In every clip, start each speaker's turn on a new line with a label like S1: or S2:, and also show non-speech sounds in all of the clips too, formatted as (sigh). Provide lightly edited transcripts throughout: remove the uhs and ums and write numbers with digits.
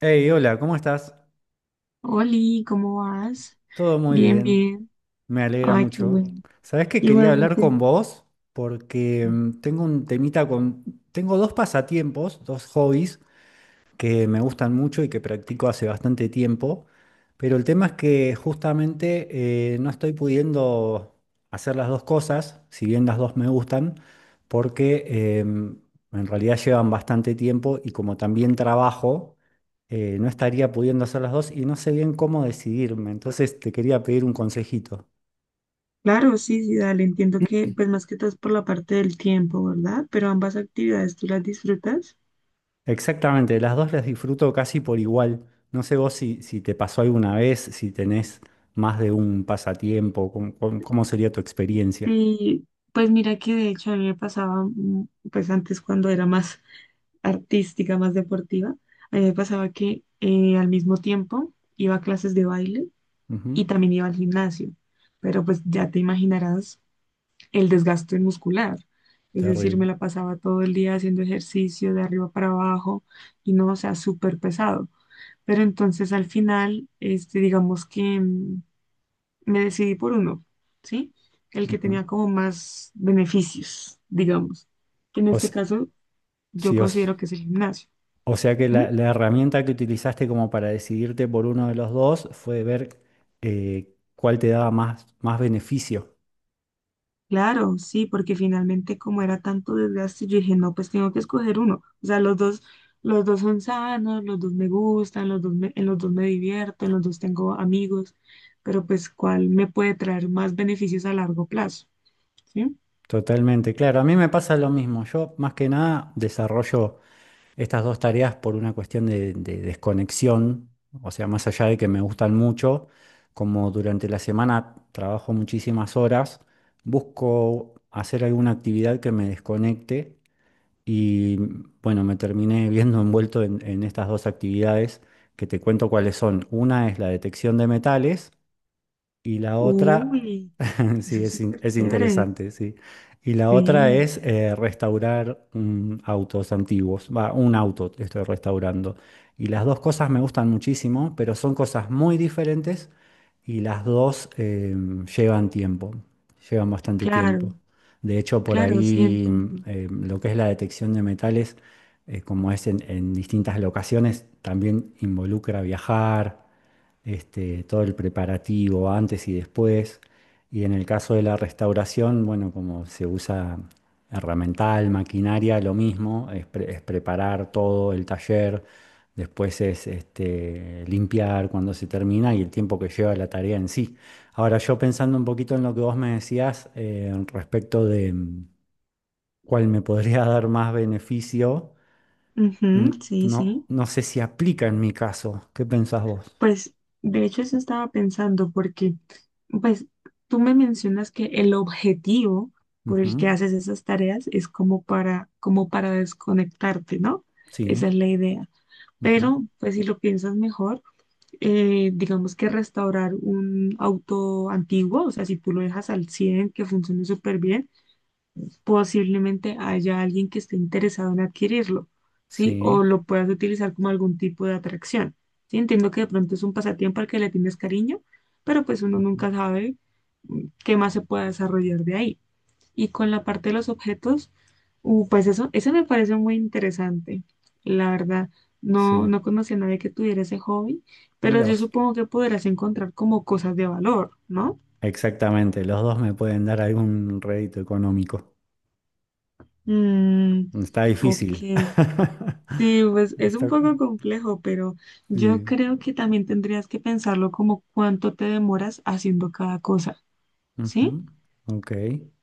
S1: Hey, hola, ¿cómo estás?
S2: Oli, ¿cómo vas?
S1: Todo muy
S2: Bien,
S1: bien,
S2: bien.
S1: me alegra
S2: Ay, qué
S1: mucho.
S2: bueno.
S1: Sabés que quería hablar
S2: Igualmente,
S1: con vos porque tengo un temita con... Tengo dos pasatiempos, dos hobbies que me gustan mucho y que practico hace bastante tiempo, pero el tema es que justamente no estoy pudiendo hacer las dos cosas, si bien las dos me gustan, porque en realidad llevan bastante tiempo y como también trabajo, no estaría pudiendo hacer las dos y no sé bien cómo decidirme, entonces te quería pedir un consejito.
S2: claro, sí, sí, dale. Entiendo que, pues más que todo es por la parte del tiempo, ¿verdad? Pero ambas actividades tú las disfrutas.
S1: Exactamente, las dos las disfruto casi por igual. No sé vos si te pasó alguna vez, si tenés más de un pasatiempo, cómo sería tu experiencia.
S2: Y pues mira que de hecho a mí me pasaba, pues antes cuando era más (laughs) artística, más deportiva, a mí me pasaba que al mismo tiempo iba a clases de baile
S1: Ujú.
S2: y también iba al gimnasio. Pero pues ya te imaginarás el desgaste muscular. Es decir, me
S1: Terrible.
S2: la pasaba todo el día haciendo ejercicio de arriba para abajo y no, o sea, súper pesado. Pero entonces al final, este, digamos que mm, me decidí por uno, ¿sí? El que
S1: Ujú.
S2: tenía como más beneficios, digamos, que en
S1: O,
S2: este
S1: s-
S2: caso yo
S1: sí,
S2: considero que es el gimnasio.
S1: o sea que
S2: ¿M?
S1: la herramienta que utilizaste como para decidirte por uno de los dos fue ver cuál te daba más beneficio.
S2: Claro, sí, porque finalmente como era tanto desgaste, yo dije, no, pues tengo que escoger uno. O sea, los dos son sanos, los dos me gustan, los dos me- en los dos me divierto, en los dos tengo amigos, pero pues ¿cuál me puede traer más beneficios a largo plazo? ¿Sí?
S1: Totalmente, claro. A mí me pasa lo mismo. Yo más que nada desarrollo estas dos tareas por una cuestión de desconexión, o sea, más allá de que me gustan mucho, como durante la semana trabajo muchísimas horas, busco hacer alguna actividad que me desconecte y bueno, me terminé (laughs) viendo envuelto en estas dos actividades que te cuento cuáles son. Una es la detección de metales y la otra,
S2: Uy,
S1: (laughs)
S2: eso
S1: sí,
S2: es súper
S1: es
S2: chévere.
S1: interesante, sí. Y la otra
S2: Sí,
S1: es restaurar autos antiguos. Va, un auto estoy restaurando. Y las dos cosas me gustan muchísimo, pero son cosas muy diferentes y las dos llevan tiempo, llevan bastante
S2: claro,
S1: tiempo. De hecho, por
S2: claro, sí
S1: ahí
S2: entiendo.
S1: lo que es la detección de metales, como es en distintas locaciones, también involucra viajar este, todo el preparativo antes y después. Y en el caso de la restauración, bueno, como se usa herramental, maquinaria, lo mismo, es preparar todo el taller, después es este, limpiar cuando se termina y el tiempo que lleva la tarea en sí. Ahora yo pensando un poquito en lo que vos me decías respecto de cuál me podría (laughs) dar más beneficio, mm,
S2: Ujú, sí, sí.
S1: no sé si aplica en mi caso. ¿Qué pensás vos?
S2: Pues, de hecho, eso estaba pensando porque, pues, tú me mencionas que el objetivo por
S1: Ujú.
S2: el que haces esas tareas es como para, como para desconectarte, ¿no?
S1: Sí.
S2: Esa es la idea.
S1: Ujú.
S2: Pero, pues, si lo piensas mejor, digamos que restaurar un auto antiguo, o sea, si tú lo dejas al 100 que funcione súper bien, posiblemente haya alguien que esté interesado en adquirirlo, ¿sí?
S1: Sí,
S2: O lo puedas utilizar como algún tipo de atracción, ¿sí? Entiendo que de pronto es un pasatiempo al que le tienes cariño, pero pues uno
S1: ujú.
S2: nunca sabe qué más se pueda desarrollar de ahí. Y con la parte de los objetos, pues eso me parece muy interesante, la verdad. No,
S1: Sí,
S2: no conocí a nadie que tuviera ese hobby, pero
S1: mira
S2: yo
S1: vos.
S2: supongo que podrás encontrar como cosas de valor, ¿no?
S1: Exactamente, los dos me pueden dar algún rédito económico.
S2: Mm,
S1: Está
S2: ok.
S1: difícil. (laughs)
S2: Sí, pues es un
S1: Está-
S2: poco complejo, pero yo
S1: sí.
S2: creo que también tendrías que pensarlo como cuánto te demoras haciendo cada cosa, ¿sí?
S1: Ujú. Ok,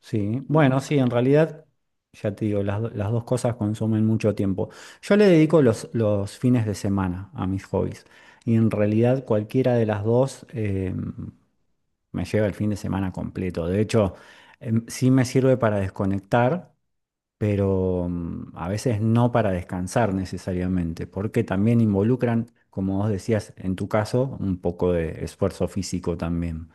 S1: sí. Bueno, sí, en realidad, ya te digo, las dos cosas consumen mucho tiempo. Yo le dedico los fines de semana a mis hobbies y en realidad cualquiera de las dos me lleva el fin de semana completo. De hecho, em, sí me sirve para desconectar. Pero a veces no para descansar necesariamente, porque también involucran, como vos decías, en tu caso, un poco de esfuerzo físico también.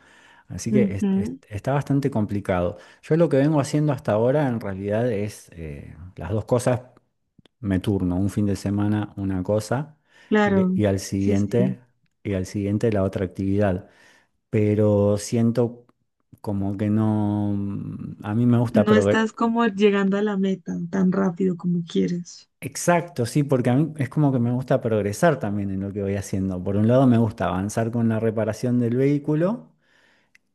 S1: Así que
S2: Ujú,
S1: está bastante complicado. Yo lo que vengo haciendo hasta ahora en realidad es las dos cosas, me turno, un fin de semana una cosa y,
S2: claro,
S1: y al
S2: sí, sí.
S1: siguiente, y al siguiente la otra actividad. Pero siento como que no, mm, a mí me gusta.
S2: No estás como llegando a la meta tan rápido como quieres.
S1: Exacto, sí, porque a mí es como que me gusta progresar también en lo que voy haciendo. Por un lado me gusta avanzar con la reparación del vehículo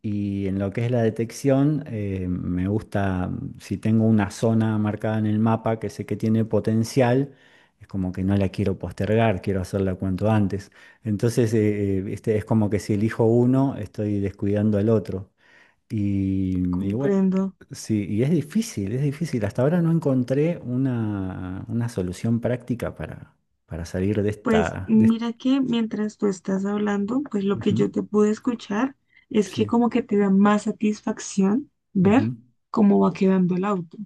S1: y en lo que es la detección me gusta, si tengo una zona marcada en el mapa que sé que tiene potencial, es como que no la quiero postergar, quiero hacerla cuanto antes. Entonces este, es como que si elijo uno, estoy descuidando al otro. Y, y bueno,
S2: Comprendo.
S1: sí, y es difícil, es difícil. Hasta ahora no encontré una solución práctica para salir de
S2: Pues
S1: esta...
S2: mira que mientras tú estás hablando, pues lo que
S1: Ujú,
S2: yo te pude escuchar es que
S1: sí,
S2: como que te da más satisfacción
S1: ujú,
S2: ver cómo va quedando el auto.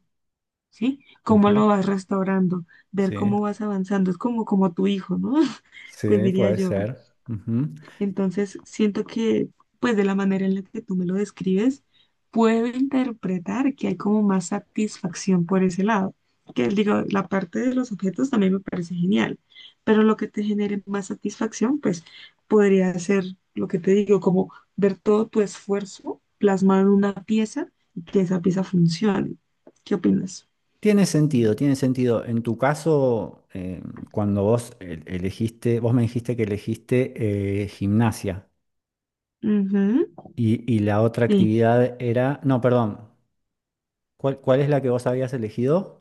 S2: ¿Sí? Cómo
S1: ujú,
S2: lo vas restaurando, ver
S1: sí,
S2: cómo vas avanzando, es como, como tu hijo, ¿no? (laughs) Pues
S1: sí,
S2: diría
S1: puede
S2: yo.
S1: ser. Ujú.
S2: Entonces, siento que, pues de la manera en la que tú me lo describes, puedo interpretar que hay como más satisfacción por ese lado. Que digo, la parte de los objetos también me parece genial, pero lo que te genere más satisfacción, pues podría ser lo que te digo, como ver todo tu esfuerzo plasmado en una pieza y que esa pieza funcione. ¿Qué opinas?
S1: Tiene sentido, tiene sentido. En tu caso, cuando vos elegiste, vos me dijiste que elegiste gimnasia
S2: Ujú.
S1: y la otra
S2: Sí,
S1: actividad era, no, perdón, ¿cuál es la que vos habías elegido?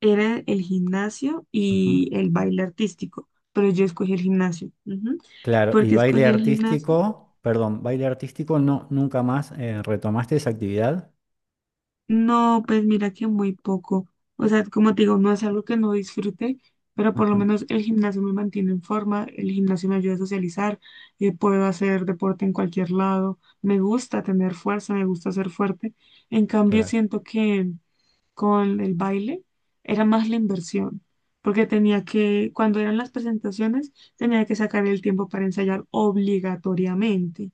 S2: era el gimnasio
S1: Ujú.
S2: y el baile artístico, pero yo escogí el gimnasio. Ujú.
S1: Claro,
S2: ¿Por
S1: y
S2: qué
S1: baile
S2: escogí el gimnasio?
S1: artístico, perdón, baile artístico no, nunca más retomaste esa actividad.
S2: No, pues mira que muy poco. O sea, como te digo, no es algo que no disfrute, pero por lo
S1: Ajá,
S2: menos el gimnasio me mantiene en forma, el gimnasio me ayuda a socializar, puedo hacer deporte en cualquier lado, me gusta tener fuerza, me gusta ser fuerte. En cambio,
S1: claro.
S2: siento que con el baile era más la inversión, porque tenía que, cuando eran las presentaciones, tenía que sacar el tiempo para ensayar obligatoriamente,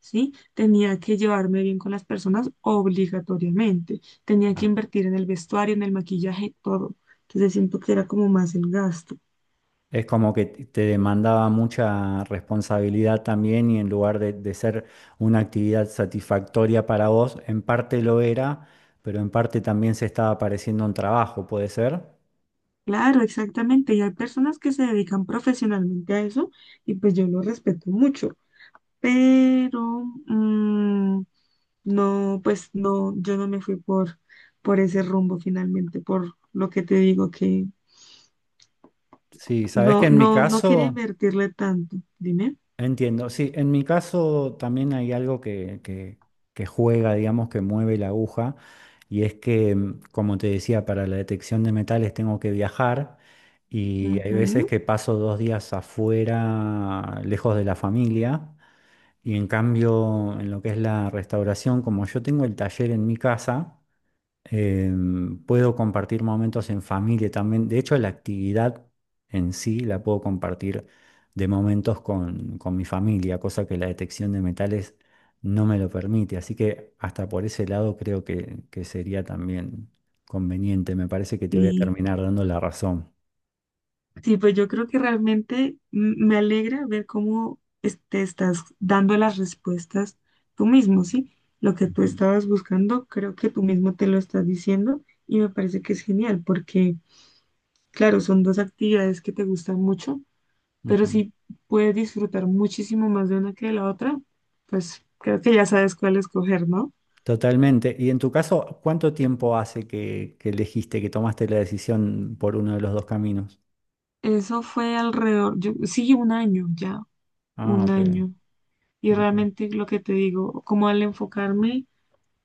S2: ¿sí? Tenía que llevarme bien con las personas obligatoriamente, tenía
S1: Ah.
S2: que invertir en el vestuario, en el maquillaje, todo. Entonces siento que era como más el gasto.
S1: Es como que te demandaba mucha responsabilidad también y en lugar de ser una actividad satisfactoria para vos, en parte lo era, pero en parte también se estaba pareciendo un trabajo, ¿puede ser?
S2: Claro, exactamente. Y hay personas que se dedican profesionalmente a eso y pues yo lo respeto mucho. Pero mm, no, pues no, yo no me fui por ese rumbo finalmente, por lo que te digo que
S1: Sí, sabes que
S2: no,
S1: en mi
S2: no, no quería
S1: caso...
S2: invertirle tanto. Dime.
S1: Entiendo, sí, en mi caso también hay algo que juega, digamos, que mueve la aguja, y es que, mm, como te decía, para la detección de metales tengo que viajar y hay veces
S2: Ujú.
S1: que paso dos días afuera, lejos de la familia, y en cambio, en lo que es la restauración, como yo tengo el taller en mi casa, em, puedo compartir momentos en familia también. De hecho, la actividad en sí la puedo compartir de momentos con mi familia, cosa que la detección de metales no me lo permite. Así que hasta por ese lado creo que sería también conveniente. Me parece que te voy a
S2: Sí.
S1: terminar dando la razón.
S2: Sí, pues yo creo que realmente m- me alegra ver cómo es- te estás dando las respuestas tú mismo, ¿sí? Lo que tú
S1: Ujú,
S2: estabas buscando, creo que tú mismo te lo estás diciendo y me parece que es genial porque, claro, son dos actividades que te gustan mucho, pero
S1: ujú.
S2: si puedes disfrutar muchísimo más de una que de la otra, pues creo que ya sabes cuál escoger, ¿no?
S1: Totalmente. Y en tu caso, ¿cuánto tiempo hace que elegiste, que tomaste la decisión por uno de los dos caminos?
S2: Eso fue alrededor, yo, sí, un año ya,
S1: Ah,
S2: un
S1: ok.
S2: año. Y
S1: Ok.
S2: realmente lo que te digo, como al enfocarme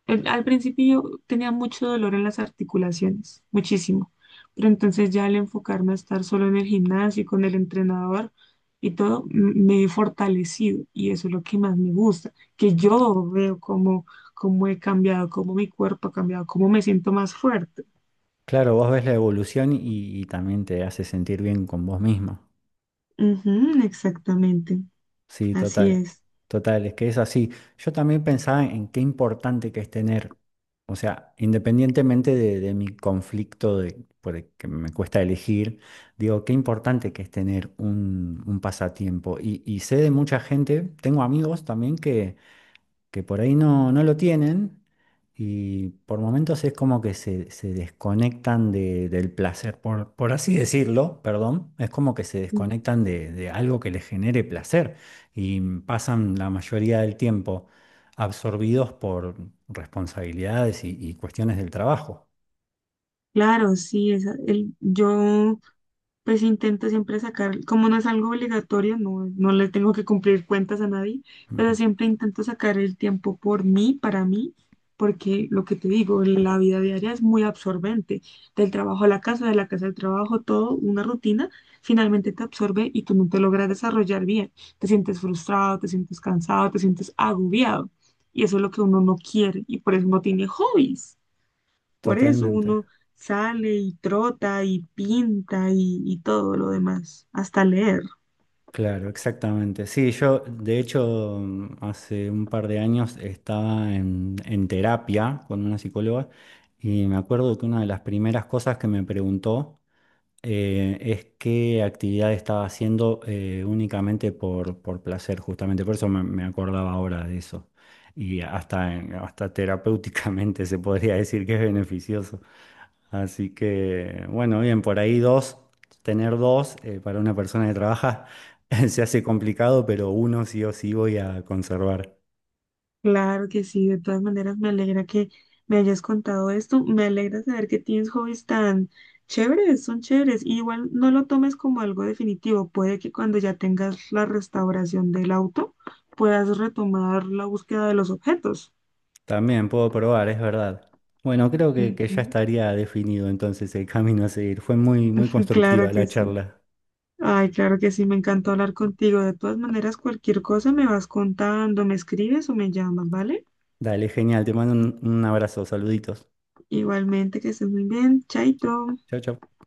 S2: el- al principio yo tenía mucho dolor en las articulaciones, muchísimo, pero entonces ya al enfocarme a estar solo en el gimnasio y con el entrenador y todo, m- me he fortalecido y eso es lo que más me gusta, que yo veo cómo, cómo he cambiado, cómo mi cuerpo ha cambiado, cómo me siento más fuerte.
S1: Claro, vos ves la evolución y también te hace sentir bien con vos mismo.
S2: Ujú, exactamente,
S1: Sí,
S2: así
S1: total,
S2: es.
S1: total, es que es así. Yo también pensaba en qué importante que es tener, o sea, independientemente de mi conflicto de, por el que me cuesta elegir, digo, qué importante que es tener un pasatiempo. Y sé de mucha gente, tengo amigos también que por ahí no lo tienen y por momentos es como que se desconectan de- del placer, por así decirlo, perdón, es como que se desconectan de algo que les genere placer y pasan la mayoría del tiempo absorbidos por responsabilidades y cuestiones del trabajo.
S2: Claro, sí, esa- el, yo pues intento siempre sacar, como no es algo obligatorio, no, no le tengo que cumplir cuentas a nadie, pero
S1: Ujú.
S2: siempre intento sacar el tiempo por mí, para mí, porque lo que te digo, la vida diaria es muy absorbente, del trabajo a la casa, de la casa al trabajo, todo, una rutina, finalmente te absorbe y tú no te logras desarrollar bien, te sientes frustrado, te sientes cansado, te sientes agobiado, y eso es lo que uno no quiere, y por eso no tiene hobbies. Por eso
S1: Totalmente.
S2: uno sale y trota y pinta y todo lo demás, hasta leer.
S1: Claro, exactamente. Sí, yo de hecho hace un par de años estaba en terapia con una psicóloga y me acuerdo que una de las primeras cosas que me preguntó es qué actividad estaba haciendo únicamente por placer, justamente. Por eso me acordaba ahora de eso. Y hasta, hasta terapéuticamente se podría decir que es beneficioso. Así que, bueno, bien, por ahí dos, tener dos para una persona que trabaja (laughs) se hace complicado, pero uno sí o sí voy a conservar.
S2: Claro que sí, de todas maneras me alegra que me hayas contado esto. Me alegra saber que tienes hobbies tan chéveres, son chéveres. Y igual no lo tomes como algo definitivo. Puede que cuando ya tengas la restauración del auto puedas retomar la búsqueda de los objetos.
S1: También puedo probar, es verdad. Bueno, creo que ya
S2: Ujú,
S1: estaría definido entonces el camino a seguir. Fue muy, muy
S2: claro
S1: constructiva la
S2: que sí.
S1: charla.
S2: Ay, claro que sí, me encantó hablar contigo. De todas maneras, cualquier cosa me vas contando, me escribes o me llamas, ¿vale?
S1: Dale, genial, te mando un abrazo, saluditos.
S2: Igualmente, que estés muy bien. Chaito.
S1: Chao, chao.